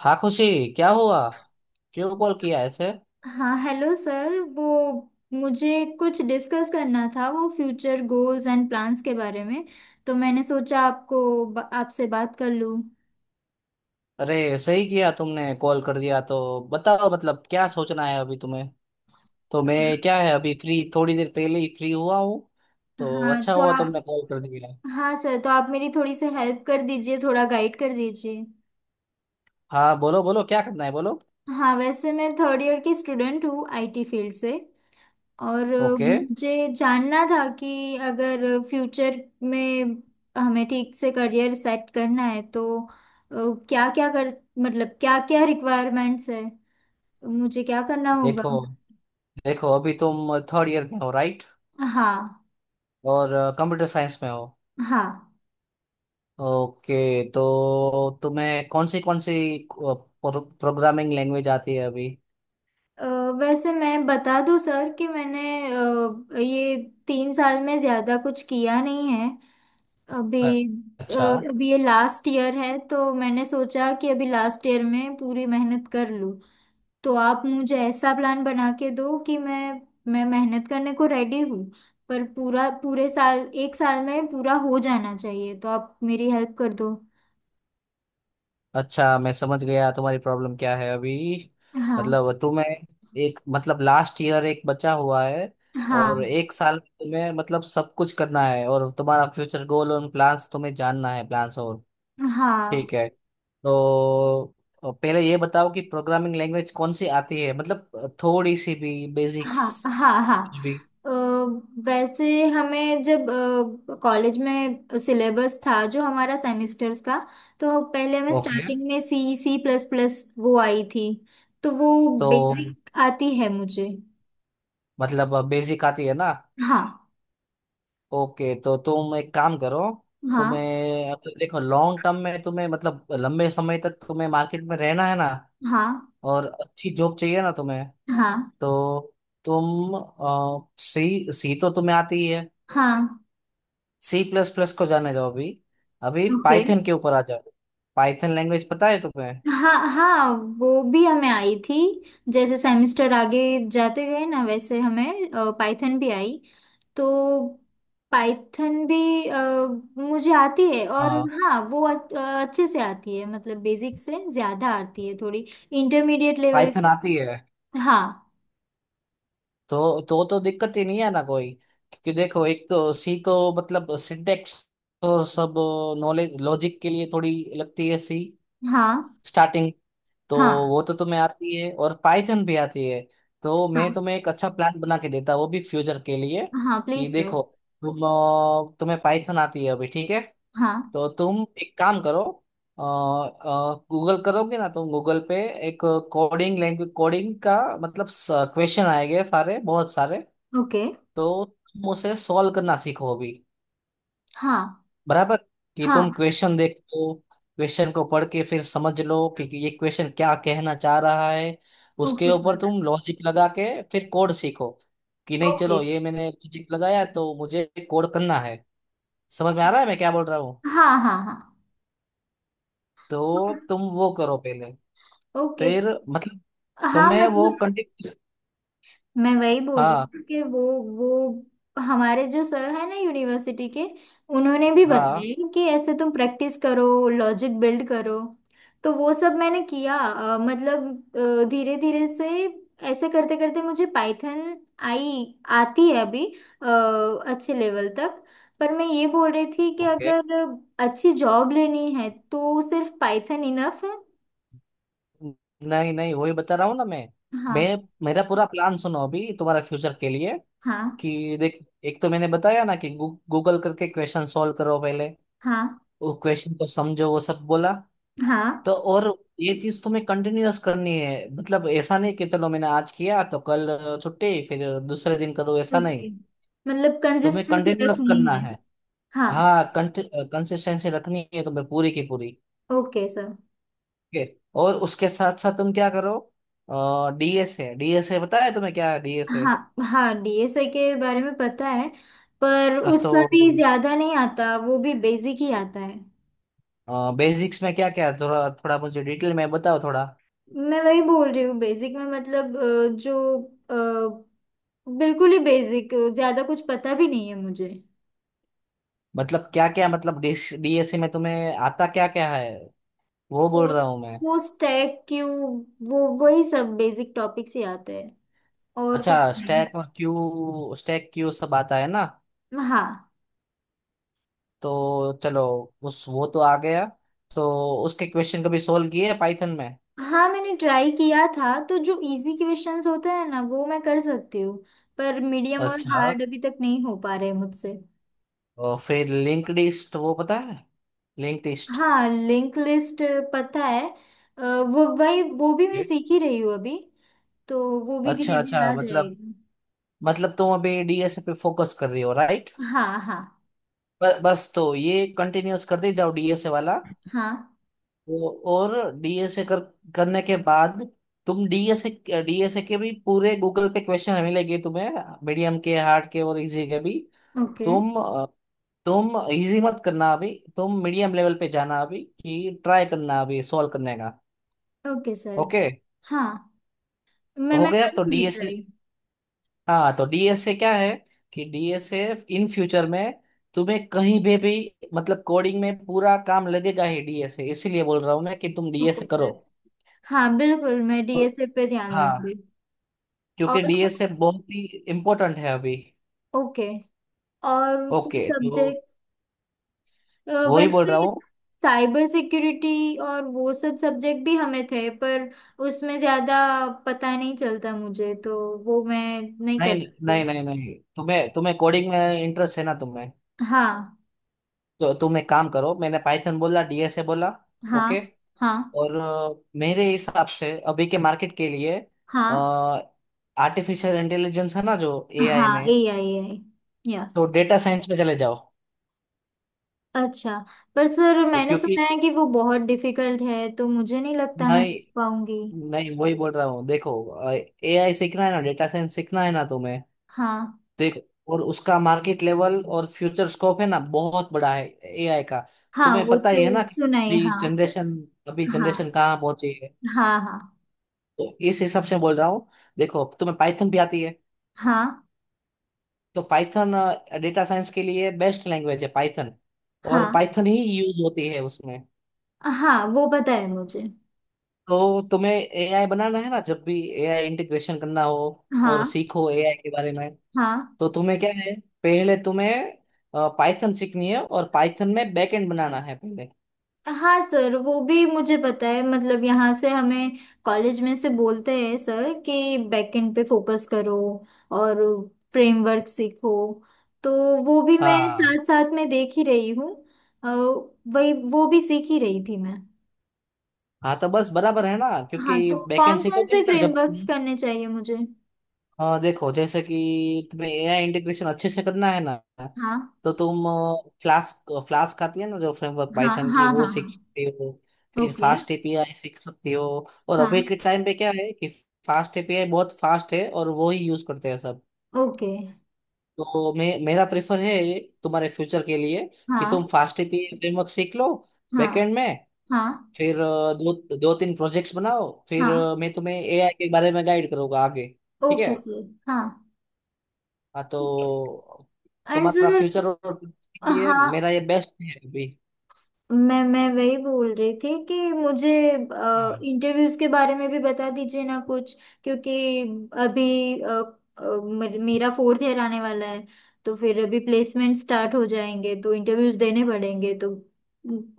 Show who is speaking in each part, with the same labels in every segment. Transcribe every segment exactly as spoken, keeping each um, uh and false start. Speaker 1: हाँ, खुशी। क्या हुआ? क्यों कॉल किया ऐसे?
Speaker 2: हाँ, हेलो सर, वो मुझे कुछ डिस्कस करना था वो फ्यूचर गोल्स एंड प्लान्स के बारे में। तो मैंने सोचा आपको ब- आपसे बात कर लूँ।
Speaker 1: अरे, सही किया तुमने कॉल कर दिया तो। बताओ, मतलब क्या सोचना है अभी तुम्हें? तो मैं क्या है, अभी फ्री, थोड़ी देर पहले ही फ्री हुआ हूँ, तो
Speaker 2: हाँ,
Speaker 1: अच्छा
Speaker 2: तो
Speaker 1: हुआ
Speaker 2: आप।
Speaker 1: तुमने कॉल कर दिया।
Speaker 2: हाँ सर, तो आप मेरी थोड़ी सी हेल्प कर दीजिए, थोड़ा गाइड कर दीजिए।
Speaker 1: हाँ, बोलो बोलो, क्या करना है, बोलो।
Speaker 2: हाँ, वैसे मैं थर्ड ईयर की स्टूडेंट हूँ, आई टी फील्ड से। और अ,
Speaker 1: ओके,
Speaker 2: मुझे जानना था कि अगर फ्यूचर में हमें ठीक से करियर सेट करना है तो क्या क्या कर मतलब क्या क्या रिक्वायरमेंट्स है, मुझे क्या करना होगा।
Speaker 1: देखो देखो, अभी तुम थर्ड ईयर में हो राइट,
Speaker 2: हाँ,
Speaker 1: और कंप्यूटर साइंस में हो।
Speaker 2: हाँ।
Speaker 1: ओके, तो तुम्हें कौन सी कौन सी प्रोग्रामिंग लैंग्वेज आती है अभी?
Speaker 2: अ, वैसे मैं बता दूं सर, कि मैंने अ, ये तीन साल में ज़्यादा कुछ किया नहीं है अभी। अ,
Speaker 1: अच्छा
Speaker 2: अभी ये लास्ट ईयर है, तो मैंने सोचा कि अभी लास्ट ईयर में पूरी मेहनत कर लूँ। तो आप मुझे ऐसा प्लान बना के दो कि मैं मैं मेहनत करने को रेडी हूँ, पर पूरा पूरे साल, एक साल में पूरा हो जाना चाहिए, तो आप मेरी हेल्प कर दो।
Speaker 1: अच्छा, मैं समझ गया तुम्हारी प्रॉब्लम क्या है अभी।
Speaker 2: हाँ,
Speaker 1: मतलब तुम्हें एक, मतलब लास्ट ईयर एक बचा हुआ है, और
Speaker 2: हाँ,
Speaker 1: एक साल में तुम्हें, मतलब सब कुछ करना है, और तुम्हारा फ्यूचर गोल और प्लान्स तुम्हें जानना है, प्लान्स और। ठीक
Speaker 2: हाँ,
Speaker 1: है, तो पहले ये बताओ कि प्रोग्रामिंग लैंग्वेज कौन सी आती है, मतलब थोड़ी सी भी बेसिक्स
Speaker 2: हाँ, हाँ, हाँ।
Speaker 1: भी।
Speaker 2: अ, वैसे हमें जब कॉलेज में सिलेबस था जो हमारा सेमेस्टर्स का, तो पहले हमें
Speaker 1: ओके,
Speaker 2: स्टार्टिंग में सी, सी प्लस प्लस वो आई थी। तो वो
Speaker 1: तो
Speaker 2: बेसिक आती है मुझे।
Speaker 1: मतलब बेसिक आती है ना।
Speaker 2: हाँ,
Speaker 1: ओके, तो तुम एक काम करो।
Speaker 2: हाँ,
Speaker 1: तुम्हें अब देखो, लॉन्ग टर्म में तुम्हें, मतलब लंबे समय तक तुम्हें मार्केट में रहना है ना,
Speaker 2: हाँ,
Speaker 1: और अच्छी जॉब चाहिए ना तुम्हें।
Speaker 2: हाँ,
Speaker 1: तो तुम सी, सी तो तुम्हें आती ही है।
Speaker 2: हाँ।
Speaker 1: सी प्लस प्लस को जाने जाओ अभी। अभी
Speaker 2: ओके।
Speaker 1: पाइथन के ऊपर आ जाओ। पाइथन लैंग्वेज पता है तुम्हें?
Speaker 2: हाँ, हाँ, वो भी हमें आई थी। जैसे सेमेस्टर आगे जाते गए ना, वैसे हमें पाइथन भी आई। तो पाइथन भी अ, मुझे आती है, और
Speaker 1: हाँ।
Speaker 2: हाँ वो अ- अच्छे से आती है, मतलब बेसिक से ज़्यादा आती है थोड़ी, इंटरमीडिएट लेवल
Speaker 1: पाइथन
Speaker 2: की।
Speaker 1: आती है,
Speaker 2: हाँ,
Speaker 1: तो तो तो दिक्कत ही नहीं है ना कोई। क्योंकि देखो, एक तो सी, तो मतलब सिंटेक्स तो सब, नॉलेज लॉजिक के लिए थोड़ी लगती है सी
Speaker 2: हाँ,
Speaker 1: स्टार्टिंग। तो
Speaker 2: हाँ,
Speaker 1: वो तो तुम्हें आती है और पाइथन भी आती है। तो मैं
Speaker 2: हाँ,
Speaker 1: तुम्हें एक अच्छा प्लान बना के देता, वो भी फ्यूचर के लिए।
Speaker 2: हाँ,
Speaker 1: कि
Speaker 2: प्लीज सर।
Speaker 1: देखो, तुम अ, तुम्हें पाइथन आती है अभी, ठीक है।
Speaker 2: हाँ।
Speaker 1: तो तुम एक काम करो, गूगल करोगे ना तुम, गूगल पे एक कोडिंग लैंग्वेज, कोडिंग का मतलब क्वेश्चन आएंगे सारे, बहुत सारे।
Speaker 2: ओके।
Speaker 1: तो तुम उसे सॉल्व करना सीखो अभी,
Speaker 2: हाँ,
Speaker 1: बराबर? कि तुम
Speaker 2: हाँ।
Speaker 1: क्वेश्चन देख लो, क्वेश्चन को पढ़ के फिर समझ लो कि कि ये क्वेश्चन क्या कहना चाह रहा है। उसके
Speaker 2: ओके
Speaker 1: ऊपर
Speaker 2: सर।
Speaker 1: तुम लॉजिक लगा के फिर कोड सीखो कि नहीं,
Speaker 2: ओके।
Speaker 1: चलो ये मैंने लॉजिक लगाया तो मुझे कोड करना है। समझ में आ रहा है मैं क्या बोल रहा हूँ?
Speaker 2: हाँ, हाँ, हाँ।
Speaker 1: तो तुम वो करो पहले,
Speaker 2: ओके।
Speaker 1: फिर मतलब
Speaker 2: हाँ,
Speaker 1: तुम्हें वो
Speaker 2: मतलब
Speaker 1: कंटिन्यू।
Speaker 2: मैं वही बोल रही
Speaker 1: हाँ
Speaker 2: हूँ कि वो वो हमारे जो सर है ना यूनिवर्सिटी के, उन्होंने भी
Speaker 1: हाँ,
Speaker 2: बताया कि ऐसे तुम प्रैक्टिस करो, लॉजिक बिल्ड करो। तो वो सब मैंने किया, अ, मतलब धीरे धीरे से, ऐसे करते करते मुझे पाइथन आई आती है अभी, अ, अच्छे लेवल तक। पर मैं ये बोल रही थी कि
Speaker 1: ओके।
Speaker 2: अगर अच्छी जॉब लेनी है तो सिर्फ पाइथन इनफ है।
Speaker 1: नहीं नहीं, वही बता रहा हूँ ना मैं मैं
Speaker 2: हाँ,
Speaker 1: मेरा पूरा प्लान सुनो अभी, तुम्हारा फ्यूचर के लिए।
Speaker 2: हाँ,
Speaker 1: कि देख, एक तो मैंने बताया ना कि गू, गूगल करके क्वेश्चन सॉल्व करो पहले।
Speaker 2: हाँ,
Speaker 1: वो क्वेश्चन को समझो, वो सब बोला।
Speaker 2: हाँ।
Speaker 1: तो और ये चीज तुम्हें कंटिन्यूअस करनी है, मतलब ऐसा नहीं कि चलो मैंने आज किया तो कल छुट्टी, फिर दूसरे दिन करो, ऐसा
Speaker 2: ओके,
Speaker 1: नहीं।
Speaker 2: मतलब
Speaker 1: तुम्हें
Speaker 2: कंसिस्टेंसी
Speaker 1: कंटिन्यूअस
Speaker 2: रखनी
Speaker 1: करना
Speaker 2: है।
Speaker 1: है।
Speaker 2: हाँ।
Speaker 1: हाँ, कंसिस्टेंसी रखनी है तुम्हें, पूरी की पूरी।
Speaker 2: Okay sir.
Speaker 1: ठीक है। और उसके साथ साथ तुम क्या करो, डी एस है, डीएस है, बताया तुम्हें क्या डीएस है?
Speaker 2: हाँ, हाँ, डी एस ए के बारे में पता है, पर
Speaker 1: हाँ,
Speaker 2: उसका भी
Speaker 1: तो
Speaker 2: ज्यादा नहीं आता, वो भी बेसिक ही आता है।
Speaker 1: बेसिक्स में क्या क्या थोड़ा थोड़ा मुझे डिटेल में बताओ थोड़ा।
Speaker 2: मैं वही बोल रही हूँ बेसिक में, मतलब अ, जो अ, बिल्कुल ही बेसिक, ज्यादा कुछ पता भी नहीं है मुझे।
Speaker 1: मतलब क्या क्या, मतलब डिश, डी एस ए में तुम्हें आता क्या क्या है, वो बोल
Speaker 2: तो
Speaker 1: रहा हूँ मैं।
Speaker 2: वो स्टैक क्यू, वो वही सब बेसिक टॉपिक्स ही आते हैं, और
Speaker 1: अच्छा,
Speaker 2: कुछ नहीं।
Speaker 1: स्टैक और क्यू, स्टैक क्यू सब आता है ना?
Speaker 2: हाँ,
Speaker 1: तो चलो, उस, वो तो आ गया। तो उसके क्वेश्चन कभी सोल्व किए पाइथन में?
Speaker 2: हाँ, मैंने ट्राई किया था, तो जो इजी क्वेश्चंस होते हैं ना वो मैं कर सकती हूँ, पर मीडियम और
Speaker 1: अच्छा।
Speaker 2: हार्ड अभी तक नहीं हो पा रहे मुझसे।
Speaker 1: और फिर लिंक लिस्ट वो पता है, लिंक लिस्ट?
Speaker 2: हाँ, लिंक लिस्ट पता है। अ, वो वही वो भी मैं सीख ही रही हूँ अभी, तो वो भी
Speaker 1: अच्छा
Speaker 2: धीरे
Speaker 1: अच्छा,
Speaker 2: धीरे आ
Speaker 1: मतलब
Speaker 2: जाएगा।
Speaker 1: मतलब तुम अभी डीएसए पे फोकस कर रही हो राइट?
Speaker 2: हाँ, हाँ,
Speaker 1: बस तो ये कंटिन्यूअस करते जाओ डीएसए वाला।
Speaker 2: हाँ।
Speaker 1: वो और डीएसए कर करने के बाद तुम डीएसए, डीएसए के भी पूरे गूगल पे क्वेश्चन मिलेंगे तुम्हें, मीडियम के, हार्ड के और इजी के भी।
Speaker 2: ओके।
Speaker 1: तुम अ, तुम इजी मत करना अभी, तुम मीडियम लेवल पे जाना, अभी कि ट्राई करना अभी सॉल्व करने का।
Speaker 2: Okay sir.
Speaker 1: ओके।
Speaker 2: हाँ, मैं
Speaker 1: हो
Speaker 2: मैं
Speaker 1: गया तो
Speaker 2: करूँगी
Speaker 1: डीएसए।
Speaker 2: ट्राई।
Speaker 1: हाँ, तो डीएसए क्या है कि डीएसए इन फ्यूचर में तुम्हें कहीं भी भी मतलब कोडिंग में पूरा काम लगेगा ही डीएसए, इसीलिए बोल रहा हूँ मैं कि तुम डीएसए
Speaker 2: ओके
Speaker 1: करो।
Speaker 2: सर। हाँ, बिल्कुल, मैं डी एस ए पे ध्यान
Speaker 1: हाँ,
Speaker 2: दूंगी। और
Speaker 1: क्योंकि
Speaker 2: सर,
Speaker 1: डीएसए बहुत ही इम्पोर्टेंट है अभी।
Speaker 2: ओके, और कोई
Speaker 1: ओके, तो
Speaker 2: सब्जेक्ट? अ,
Speaker 1: वो ही बोल
Speaker 2: वैसे
Speaker 1: रहा हूँ।
Speaker 2: साइबर सिक्योरिटी और वो सब सब्जेक्ट भी हमें थे, पर उसमें ज्यादा पता नहीं चलता मुझे, तो वो मैं नहीं
Speaker 1: नहीं
Speaker 2: कर
Speaker 1: नहीं
Speaker 2: पाती।
Speaker 1: नहीं नहीं, तुम्हें तुम्हें कोडिंग में इंटरेस्ट है ना तुम्हें।
Speaker 2: हाँ,
Speaker 1: तो तुम एक काम करो, मैंने पाइथन बोला, डीएसए बोला।
Speaker 2: हाँ,
Speaker 1: ओके,
Speaker 2: हाँ,
Speaker 1: और अ, मेरे हिसाब से अभी के मार्केट के लिए
Speaker 2: हाँ,
Speaker 1: आर्टिफिशियल इंटेलिजेंस है ना जो, ए आई
Speaker 2: हाँ,
Speaker 1: में,
Speaker 2: ए आई आई यस।
Speaker 1: तो डेटा साइंस में चले जाओ।
Speaker 2: अच्छा, पर सर
Speaker 1: तो
Speaker 2: मैंने
Speaker 1: क्योंकि
Speaker 2: सुना है कि वो बहुत डिफिकल्ट है, तो मुझे नहीं लगता मैं कर
Speaker 1: नहीं,
Speaker 2: पाऊंगी।
Speaker 1: नहीं वही बोल रहा हूँ। देखो, एआई सीखना है ना, डेटा साइंस सीखना है ना तुम्हें?
Speaker 2: हाँ,
Speaker 1: देख, और उसका मार्केट लेवल और फ्यूचर स्कोप है ना, बहुत बड़ा है एआई का।
Speaker 2: हाँ,
Speaker 1: तुम्हें
Speaker 2: वो
Speaker 1: पता
Speaker 2: तो
Speaker 1: ही है ना कि
Speaker 2: सुना है,
Speaker 1: अभी
Speaker 2: हाँ।
Speaker 1: जनरेशन, अभी
Speaker 2: हाँ,
Speaker 1: जनरेशन कहाँ पहुंची है।
Speaker 2: हाँ, हाँ,
Speaker 1: तो इस हिसाब से बोल रहा हूँ। देखो तुम्हें पाइथन भी आती है,
Speaker 2: हाँ,
Speaker 1: तो पाइथन, डेटा साइंस के लिए बेस्ट लैंग्वेज है पाइथन, और पाइथन ही यूज होती है उसमें।
Speaker 2: हाँ, हाँ, वो पता है मुझे।
Speaker 1: तो तुम्हें एआई बनाना है ना, जब भी एआई इंटीग्रेशन करना हो और
Speaker 2: हाँ,
Speaker 1: सीखो एआई के बारे में,
Speaker 2: हाँ,
Speaker 1: तो तुम्हें क्या है, पहले तुम्हें पाइथन सीखनी है और पाइथन में बैकएंड बनाना है पहले।
Speaker 2: हाँ सर, वो भी मुझे पता है, मतलब यहाँ से हमें कॉलेज में से बोलते हैं सर कि बैकएंड पे फोकस करो और फ्रेमवर्क सीखो, तो वो भी मैं
Speaker 1: हाँ।
Speaker 2: साथ साथ में देख ही रही हूँ। अ, वही वो भी सीख ही रही थी मैं।
Speaker 1: हाँ तो बस, बराबर है ना, क्योंकि
Speaker 2: हाँ, तो
Speaker 1: बैकएंड
Speaker 2: कौन कौन से
Speaker 1: सीखोगे ना जब
Speaker 2: फ्रेमवर्क्स
Speaker 1: तुम।
Speaker 2: करने चाहिए मुझे?
Speaker 1: अ, देखो जैसे कि तुम्हें एआई इंटीग्रेशन अच्छे से करना है ना,
Speaker 2: हाँ,
Speaker 1: तो तुम फ्लास्क, फ्लास्क आती है ना जो फ्रेमवर्क
Speaker 2: हाँ,
Speaker 1: पाइथन
Speaker 2: हाँ,
Speaker 1: की,
Speaker 2: हाँ,
Speaker 1: वो सीख
Speaker 2: हाँ।
Speaker 1: सकती हो। फिर
Speaker 2: okay.
Speaker 1: Fast A P I सीख सकती हो। और अभी
Speaker 2: हाँ।
Speaker 1: के टाइम पे क्या है कि फास्ट एपीआई बहुत फास्ट है और वो ही यूज करते हैं सब।
Speaker 2: ओके।
Speaker 1: तो मे, मेरा प्रेफर है तुम्हारे फ्यूचर के लिए कि तुम
Speaker 2: हाँ,
Speaker 1: फास्ट एपीआई फ्रेमवर्क सीख लो
Speaker 2: हाँ,
Speaker 1: बैकएंड में।
Speaker 2: हाँ,
Speaker 1: फिर अ, दो, दो तीन प्रोजेक्ट्स बनाओ, फिर
Speaker 2: हाँ।
Speaker 1: अ, मैं तुम्हें एआई के बारे में गाइड करूंगा आगे। ठीक
Speaker 2: ओके
Speaker 1: है।
Speaker 2: सर। हाँ।
Speaker 1: हाँ, तो
Speaker 2: एंड
Speaker 1: तुम्हारा
Speaker 2: सर,
Speaker 1: फ्यूचर और के लिए
Speaker 2: हाँ,
Speaker 1: मेरा ये बेस्ट है अभी।
Speaker 2: मैं मैं वही बोल रही थी कि मुझे
Speaker 1: हाँ।
Speaker 2: इंटरव्यूज के बारे में भी बता दीजिए ना कुछ। क्योंकि अभी अ, अ, मेर- मेरा फोर्थ ईयर आने वाला है, तो फिर अभी प्लेसमेंट स्टार्ट हो जाएंगे, तो इंटरव्यूज देने पड़ेंगे, तो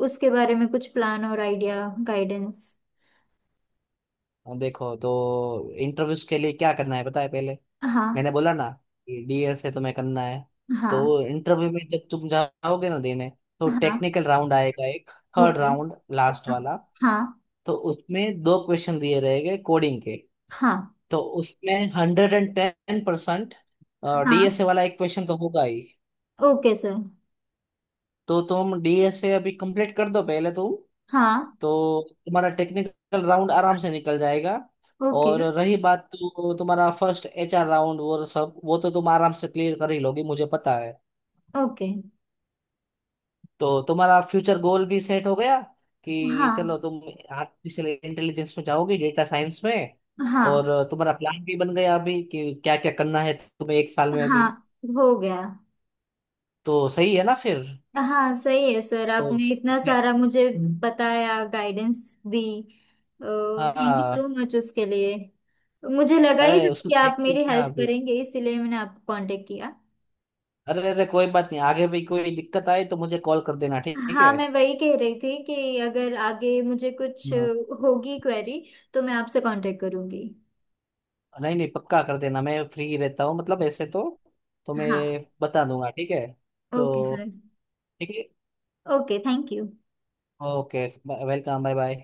Speaker 2: उसके बारे में कुछ प्लान और आइडिया, गाइडेंस।
Speaker 1: हाँ, देखो, तो इंटरव्यूज के लिए क्या करना है पता है पहले?
Speaker 2: हाँ,
Speaker 1: मैंने बोला ना कि डीएस है तुम्हें करना है।
Speaker 2: हाँ,
Speaker 1: तो इंटरव्यू में जब तुम जाओगे ना देने, तो
Speaker 2: हाँ।
Speaker 1: टेक्निकल राउंड आएगा एक, थर्ड
Speaker 2: ओके।
Speaker 1: राउंड, लास्ट वाला।
Speaker 2: हाँ,
Speaker 1: तो उसमें दो क्वेश्चन दिए रहेंगे कोडिंग के।
Speaker 2: हाँ,
Speaker 1: तो उसमें हंड्रेड एंड टेन परसेंट
Speaker 2: हाँ।
Speaker 1: डीएसए वाला एक क्वेश्चन तो होगा ही।
Speaker 2: Okay sir.
Speaker 1: तो तुम डीएसए अभी कंप्लीट कर दो पहले तुम,
Speaker 2: हाँ।
Speaker 1: तो तुम्हारा टेक्निकल राउंड आराम से निकल जाएगा।
Speaker 2: ओके।
Speaker 1: और रही बात तो तुम्हारा फर्स्ट एच आर राउंड वो सब, वो तो तुम आराम से क्लियर कर ही लोगे, मुझे पता है।
Speaker 2: ओके।
Speaker 1: तो तुम्हारा फ्यूचर गोल भी सेट हो गया कि
Speaker 2: हाँ,
Speaker 1: चलो तुम आर्टिफिशियल इंटेलिजेंस में जाओगे, डेटा साइंस में,
Speaker 2: हाँ,
Speaker 1: और तुम्हारा प्लान भी बन गया अभी कि क्या क्या करना है तुम्हें एक साल में
Speaker 2: हाँ,
Speaker 1: अभी।
Speaker 2: हो गया।
Speaker 1: तो सही है ना फिर?
Speaker 2: हाँ, सही है सर,
Speaker 1: तो
Speaker 2: आपने इतना
Speaker 1: छे-
Speaker 2: सारा मुझे बताया, गाइडेंस दी, थैंक यू
Speaker 1: हाँ।
Speaker 2: सो मच उसके लिए। मुझे लगा ही था
Speaker 1: अरे उसमें
Speaker 2: कि आप
Speaker 1: देखिए
Speaker 2: मेरी
Speaker 1: क्या
Speaker 2: हेल्प
Speaker 1: अभी,
Speaker 2: करेंगे, इसीलिए मैंने आपको कांटेक्ट किया।
Speaker 1: अरे अरे कोई बात नहीं, आगे भी कोई दिक्कत आए तो मुझे कॉल कर देना, ठीक
Speaker 2: हाँ,
Speaker 1: है।
Speaker 2: मैं वही कह रही थी कि अगर आगे मुझे कुछ
Speaker 1: हाँ।
Speaker 2: होगी क्वेरी, तो मैं आपसे कांटेक्ट करूंगी।
Speaker 1: नहीं नहीं, पक्का कर देना, मैं फ्री रहता हूँ, मतलब ऐसे तो। तो मैं
Speaker 2: हाँ।
Speaker 1: बता दूंगा, ठीक है।
Speaker 2: ओके
Speaker 1: तो
Speaker 2: सर।
Speaker 1: ठीक है।
Speaker 2: Okay, thank you.
Speaker 1: Okay, welcome, bye bye.